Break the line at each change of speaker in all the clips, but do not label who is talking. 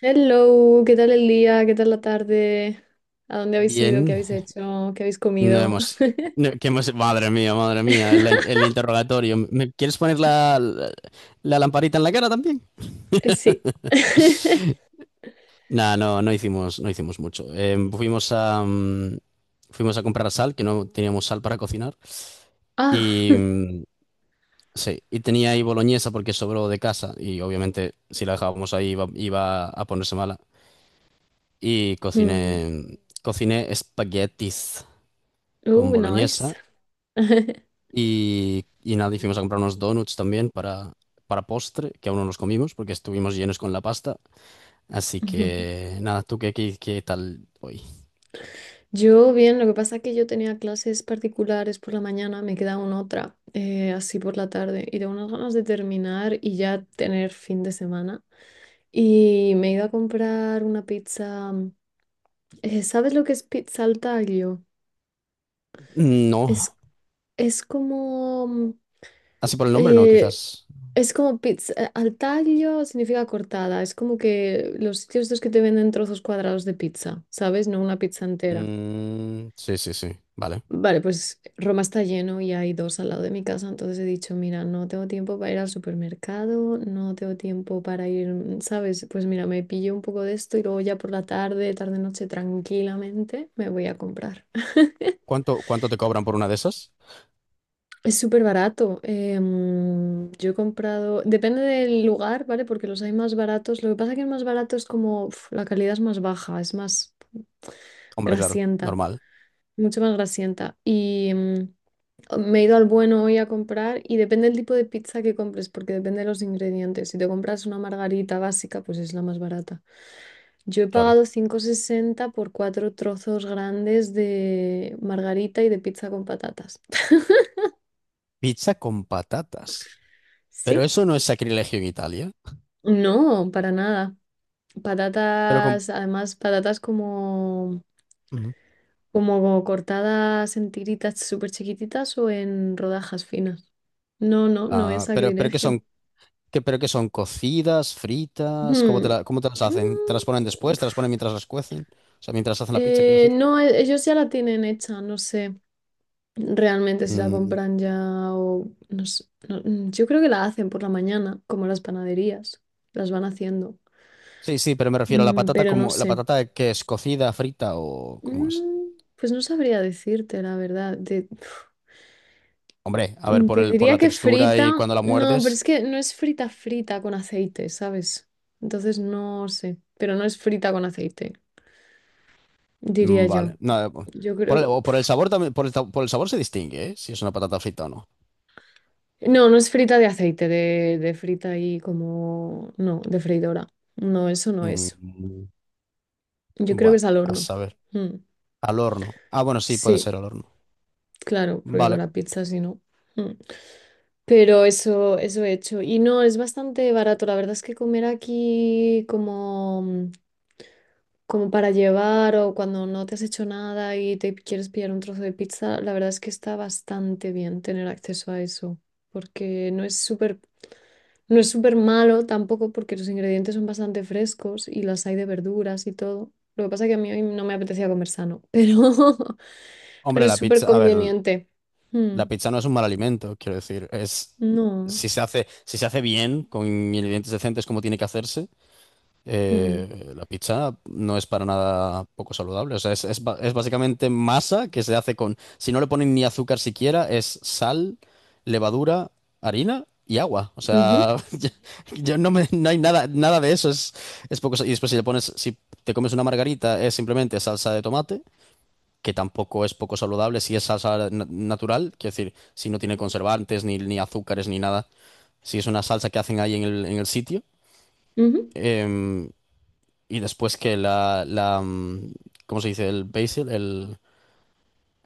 Hello, ¿qué tal el día? ¿Qué tal la tarde? ¿A dónde habéis ido? ¿Qué
Bien,
habéis hecho? ¿Qué habéis
no
comido?
hemos, no, que hemos, madre mía, la in- el, interrogatorio. ¿Me quieres poner la lamparita en la cara también?
Sí.
Nah, no hicimos mucho. Fuimos a comprar sal, que no teníamos sal para cocinar.
Ah,
Y mm, sí, y tenía ahí boloñesa porque sobró de casa y obviamente si la dejábamos ahí iba a ponerse mala. Y cociné,
hmm.
Cociné espaguetis con
Oh, nice.
boloñesa. Y nada, Y fuimos a comprar unos donuts también para postre, que aún no los comimos porque estuvimos llenos con la pasta. Así que nada, ¿tú qué tal hoy?
Yo bien, lo que pasa es que yo tenía clases particulares por la mañana, me queda una otra, así por la tarde, y tengo unas ganas de terminar y ya tener fin de semana. Y me he ido a comprar una pizza. ¿Sabes lo que es pizza al taglio?
No,
Es, es como
así por el nombre, no,
Eh,
quizás.
es como pizza al taglio significa cortada. Es como que los sitios estos que te venden trozos cuadrados de pizza, ¿sabes? No una pizza entera.
Mm, sí, sí, sí, vale.
Vale, pues Roma está lleno y hay dos al lado de mi casa, entonces he dicho, mira, no tengo tiempo para ir al supermercado, no tengo tiempo para ir, ¿sabes? Pues mira, me pillo un poco de esto y luego ya por la tarde, tarde-noche, tranquilamente me voy a comprar.
Cuánto te cobran por una de esas?
Es súper barato. Yo he comprado, depende del lugar, ¿vale? Porque los hay más baratos. Lo que pasa es que el más barato es como, la calidad es más baja, es más
Hombre, claro,
grasienta,
normal,
mucho más grasienta. Y me he ido al bueno hoy a comprar y depende del tipo de pizza que compres, porque depende de los ingredientes. Si te compras una margarita básica, pues es la más barata. Yo he
claro.
pagado 5,60 por cuatro trozos grandes de margarita y de pizza con patatas.
Pizza con patatas. Pero
¿Sí?
eso no es sacrilegio en Italia.
No, para nada.
Pero con...
Patatas, además, patatas como,
Ujú.
como cortadas en tiritas súper chiquititas o en rodajas finas. No, no, no es
Ah, pero que
sacrilegio.
son ¿Qué, pero qué son? ¿Cocidas? ¿Fritas? ¿Cómo
Hmm,
cómo te las hacen? ¿Te las ponen
mm,
después? ¿Te las ponen
pf.
mientras las cuecen? O sea, mientras hacen la pizza, quiero decir.
No, ellos ya la tienen hecha, no sé realmente si la
Mm,
compran ya o no sé. No, mm, yo creo que la hacen por la mañana, como las panaderías, las van haciendo.
sí, sí, pero me refiero a la patata
Pero no
como... ¿La
sé.
patata que es cocida, frita o cómo es?
Mm, pues no sabría decirte la verdad. De
Hombre, a ver,
Te
por
diría
la
que
textura
frita.
y cuando la
No, pero
muerdes...
es que no es frita frita con aceite, ¿sabes? Entonces no sé. Pero no es frita con aceite, diría yo.
Vale. Nada, po-
Yo
Por el,
creo.
o por el sabor también... Por el sabor se distingue, ¿eh? Si es una patata frita o no.
No, no es frita de aceite, de frita y como. No, de freidora. No, eso no es.
Mm,
Yo creo que
bueno,
es al
a
horno.
saber.
Mm.
Al horno. Ah, bueno, sí, puede
Sí,
ser al horno.
claro, porque con
Vale.
la pizza si no. Mm. Pero eso he hecho. Y no, es bastante barato. La verdad es que comer aquí como. Como para llevar o cuando no te has hecho nada y te quieres pillar un trozo de pizza, la verdad es que está bastante bien tener acceso a eso, porque no es súper, no es súper malo tampoco porque los ingredientes son bastante frescos y las hay de verduras y todo. Lo que pasa es que a mí hoy no me apetecía comer sano, pero, pero
Hombre,
es
la
súper
pizza... A ver.
conveniente. Mm,
La pizza no es un mal alimento, quiero decir, es
no.
si se hace bien, con ingredientes decentes como tiene que hacerse,
Mm,
la pizza no es para nada poco saludable. O sea, es básicamente masa que se hace con, si no le ponen ni azúcar siquiera, es sal, levadura, harina y agua. O
ujú,
sea, yo no me, no hay nada, nada de eso, es poco. Y después si le pones, si te comes una margarita, es simplemente salsa de tomate que tampoco es poco saludable, si es salsa natural, quiero decir, si no tiene conservantes, ni, ni azúcares, ni nada, si es una salsa que hacen ahí en el sitio.
ujú.
Em, y después que ¿cómo se dice? El basil, el,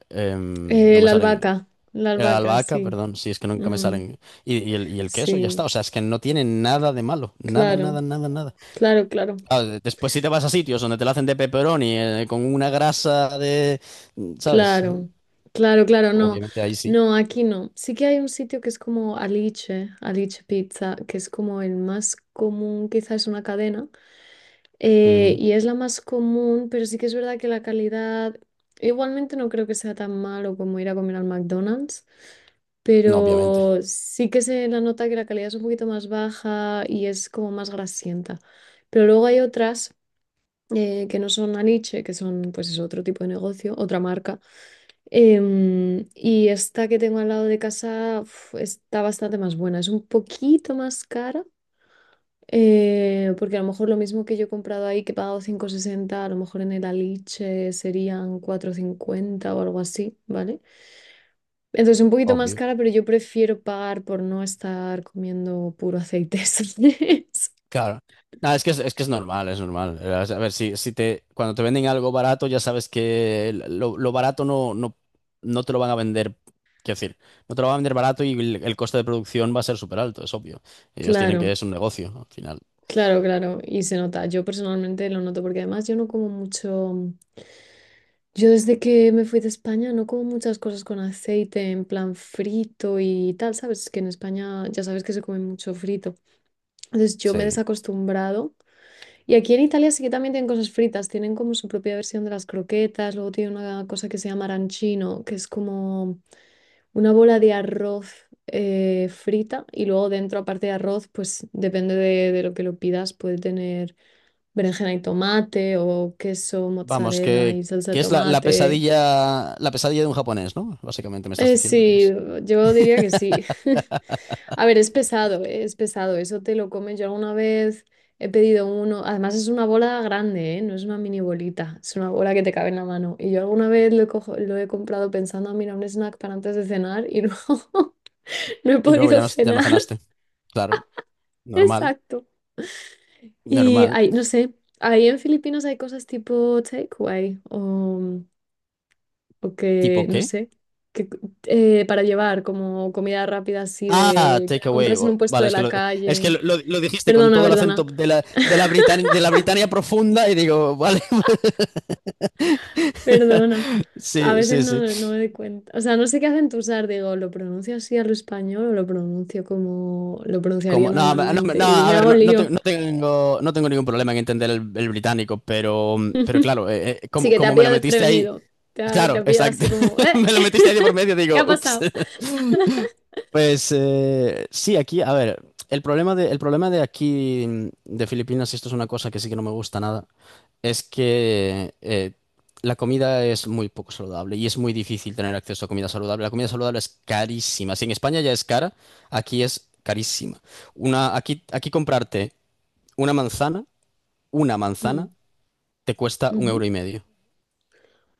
em, no me
La
salen,
albahaca, la
La
albahaca,
albahaca,
sí.
perdón, si es que nunca me
Mm,
salen, y el queso, ya
sí,
está, o sea, es que no tiene nada de malo, nada, nada,
claro,
nada, nada.
claro, claro.
Ah, después si te vas a sitios donde te la hacen de pepperoni, con una grasa de, ¿sabes?
Claro, claro, claro, no,
Obviamente ahí sí.
no, aquí no. Sí que hay un sitio que es como Alice, Alice Pizza, que es como el más común, quizás es una cadena,
Ujú.
y es la más común, pero sí que es verdad que la calidad, igualmente no creo que sea tan malo como ir a comer al McDonald's,
No, obviamente,
pero sí que se la nota que la calidad es un poquito más baja y es como más grasienta. Pero luego hay otras que no son Alice, que son pues es otro tipo de negocio, otra marca. Y esta que tengo al lado de casa uf, está bastante más buena. Es un poquito más cara, porque a lo mejor lo mismo que yo he comprado ahí, que he pagado 5,60 a lo mejor en el Aliche serían 4,50 o algo así, ¿vale? Entonces un poquito más
obvio.
cara, pero yo prefiero pagar por no estar comiendo puro aceite. ¿Sabes?
Claro. No, es que es normal, es normal. A ver, si, si te, cuando te venden algo barato, ya sabes que lo barato no te lo van a vender. Quiero decir, no te lo van a vender barato y el coste de producción va a ser súper alto, es obvio. Ellos tienen que,
Claro.
es un negocio, ¿no? Al final.
Claro, claro, y se nota. Yo personalmente lo noto porque además yo no como mucho. Yo desde que me fui de España no como muchas cosas con aceite, en plan frito y tal, ¿sabes? Que en España ya sabes que se come mucho frito. Entonces yo me he
Sí.
desacostumbrado. Y aquí en Italia sí que también tienen cosas fritas, tienen como su propia versión de las croquetas, luego tiene una cosa que se llama arancino, que es como una bola de arroz frita y luego dentro, aparte de arroz, pues depende de lo que lo pidas, puede tener berenjena y tomate o queso,
Vamos,
mozzarella y salsa de
que es
tomate.
la pesadilla de un japonés, ¿no? Básicamente me estás diciendo que
Sí,
es.
yo diría que sí. A ver, es pesado, eso te lo comes. Yo alguna vez he pedido uno, además es una bola grande, no es una mini bolita, es una bola que te cabe en la mano. Y yo alguna vez lo he comprado pensando, "Ah, mira, un snack para antes de cenar" y no no he
Y luego
podido
ya no
cenar.
cenaste. Claro, normal,
Exacto. Y
normal.
hay, no sé, ahí en Filipinas hay cosas tipo takeaway o que,
¿Tipo
no
qué?
sé, que, para llevar como comida rápida así
Ah,
de que
take
la
away.
compres en un puesto
Vale,
de la
es que
calle.
lo dijiste con
Perdona,
todo el
perdona,
acento de de la Britania profunda y digo, vale,
perdona. A
sí,
veces
sí,
no,
sí.
no me doy cuenta. O sea, no sé qué acentuar, digo, ¿lo pronuncio así al español o lo pronuncio como lo pronunciaría
Como, no, no, no,
normalmente? Y me
A ver,
hago lío.
no tengo, no tengo ningún problema en entender el británico, pero claro,
Sí que te ha
como me lo
pillado
metiste ahí,
desprevenido. Te
claro,
ha pillado así
exacto,
como, ¿eh?
me lo metiste ahí de por medio,
¿Qué ha
digo, ups.
pasado?
Pues sí, aquí, a ver, el problema de aquí, mm, de Filipinas, y esto es una cosa que sí que no me gusta nada, es que la comida es muy poco saludable y es muy difícil tener acceso a comida saludable. La comida saludable es carísima. Si en España ya es cara, aquí es carísima. Aquí comprarte una manzana, una
Mm.
manzana, te cuesta un euro
Ujú.
y medio.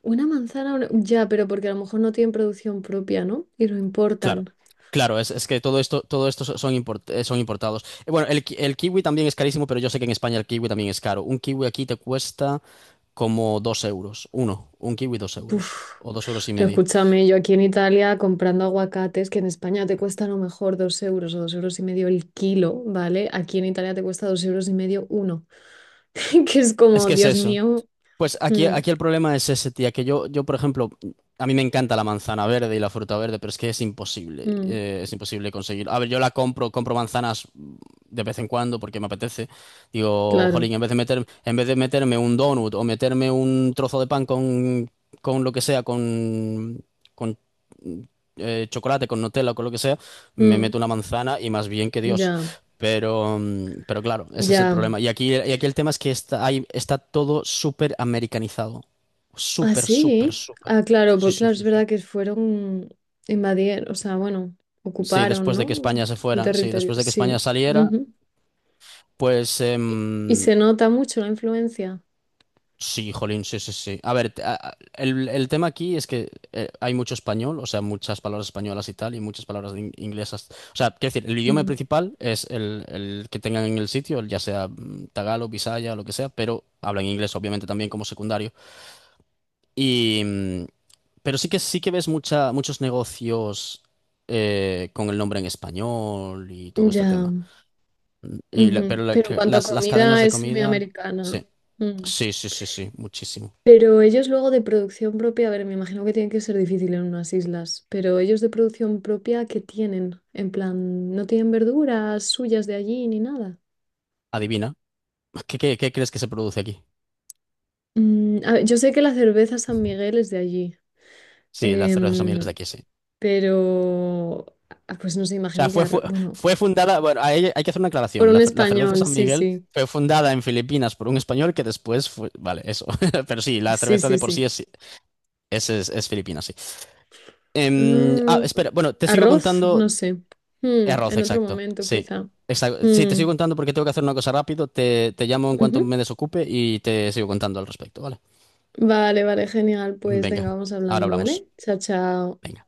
Una manzana, una- ya, pero porque a lo mejor no tienen producción propia, ¿no? Y lo
Claro,
importan.
claro, es, todo esto son importados. Bueno, el kiwi también es carísimo, pero yo sé que en España el kiwi también es caro. Un kiwi aquí te cuesta como dos euros, un kiwi dos euros
Uf.
o dos euros y medio.
Escúchame, yo aquí en Italia comprando aguacates, que en España te cuesta a lo mejor dos euros o dos euros y medio el kilo, ¿vale? Aquí en Italia te cuesta dos euros y medio uno, que es
Es
como,
que es
Dios
eso.
mío,
Pues aquí,
mm,
aquí el problema es ese, tía, que yo, por ejemplo, a mí me encanta la manzana verde y la fruta verde, pero es que
mm,
es imposible conseguir. A ver, yo la compro, compro manzanas de vez en cuando porque me apetece. Digo,
claro,
jolín, en vez de meter, en vez de meterme un donut o meterme un trozo de pan con lo que sea, con chocolate, con Nutella, con lo que sea, me
mm,
meto una manzana y más bien que Dios.
ya,
Pero, mm, pero claro, ese es el
ya.
problema. Y aquí el tema es que está, está todo súper americanizado.
Ah,
Súper, súper,
sí,
súper.
ah, claro,
Sí,
porque
sí,
claro, es
sí, sí.
verdad que fueron, invadieron, o sea, bueno,
Sí,
ocuparon,
después de que
¿no?
España se
El
fuera, sí,
territorio,
después de que España
sí.
saliera, pues
Y y
em,
se nota mucho la influencia.
sí, jolín, sí, sí, sí. A ver, el tema aquí es que hay mucho español, o sea, muchas palabras españolas y tal, y muchas palabras inglesas. O sea, quiero decir, el idioma
Mm.
principal es el que tengan en el sitio, ya sea mm, tagalo, bisaya, lo que sea, pero hablan inglés, obviamente, también como secundario. Y, mm, pero sí que ves mucha, muchos negocios con el nombre en español y todo este
Ya.
tema.
Ujú. Pero en cuanto a
Las cadenas
comida
de
es muy
comida,
americana.
sí,
Mm.
sí, sí, sí, sí, muchísimo.
Pero ellos luego de producción propia, a ver, me imagino que tiene que ser difícil en unas islas, pero ellos de producción propia, ¿qué tienen? En plan, no tienen verduras suyas de allí ni nada.
Adivina, ¿qué, qué, qué crees que se produce aquí?
A ver, yo sé que la cerveza San Miguel es de allí,
Sí, la cerveza San Miguel es de
em,
aquí, sí.
pero ah, pues no sé,
O sea,
imagino que arroz, bueno,
fue fundada, bueno, hay que hacer una
por
aclaración.
un
La cerveza
español,
San
sí,
Miguel
sí,
fue fundada en Filipinas por un español que después fue, vale, eso. Pero sí, la
sí,
cerveza
sí,
de por sí
sí.
es, es filipina, sí. Em, ah,
Mm,
espera, bueno, te sigo
arroz, no
contando.
sé. Mm,
Arroz,
en otro
exacto.
momento,
Sí.
quizá.
Exacto. Sí, te
Mm,
sigo contando porque tengo que hacer una cosa rápido. Te llamo en cuanto
ujú.
me desocupe y te sigo contando al respecto, ¿vale?
Vale, vale, genial. Pues
Venga,
venga, vamos
ahora
hablando,
hablamos.
¿vale? Chao, chao.
Venga.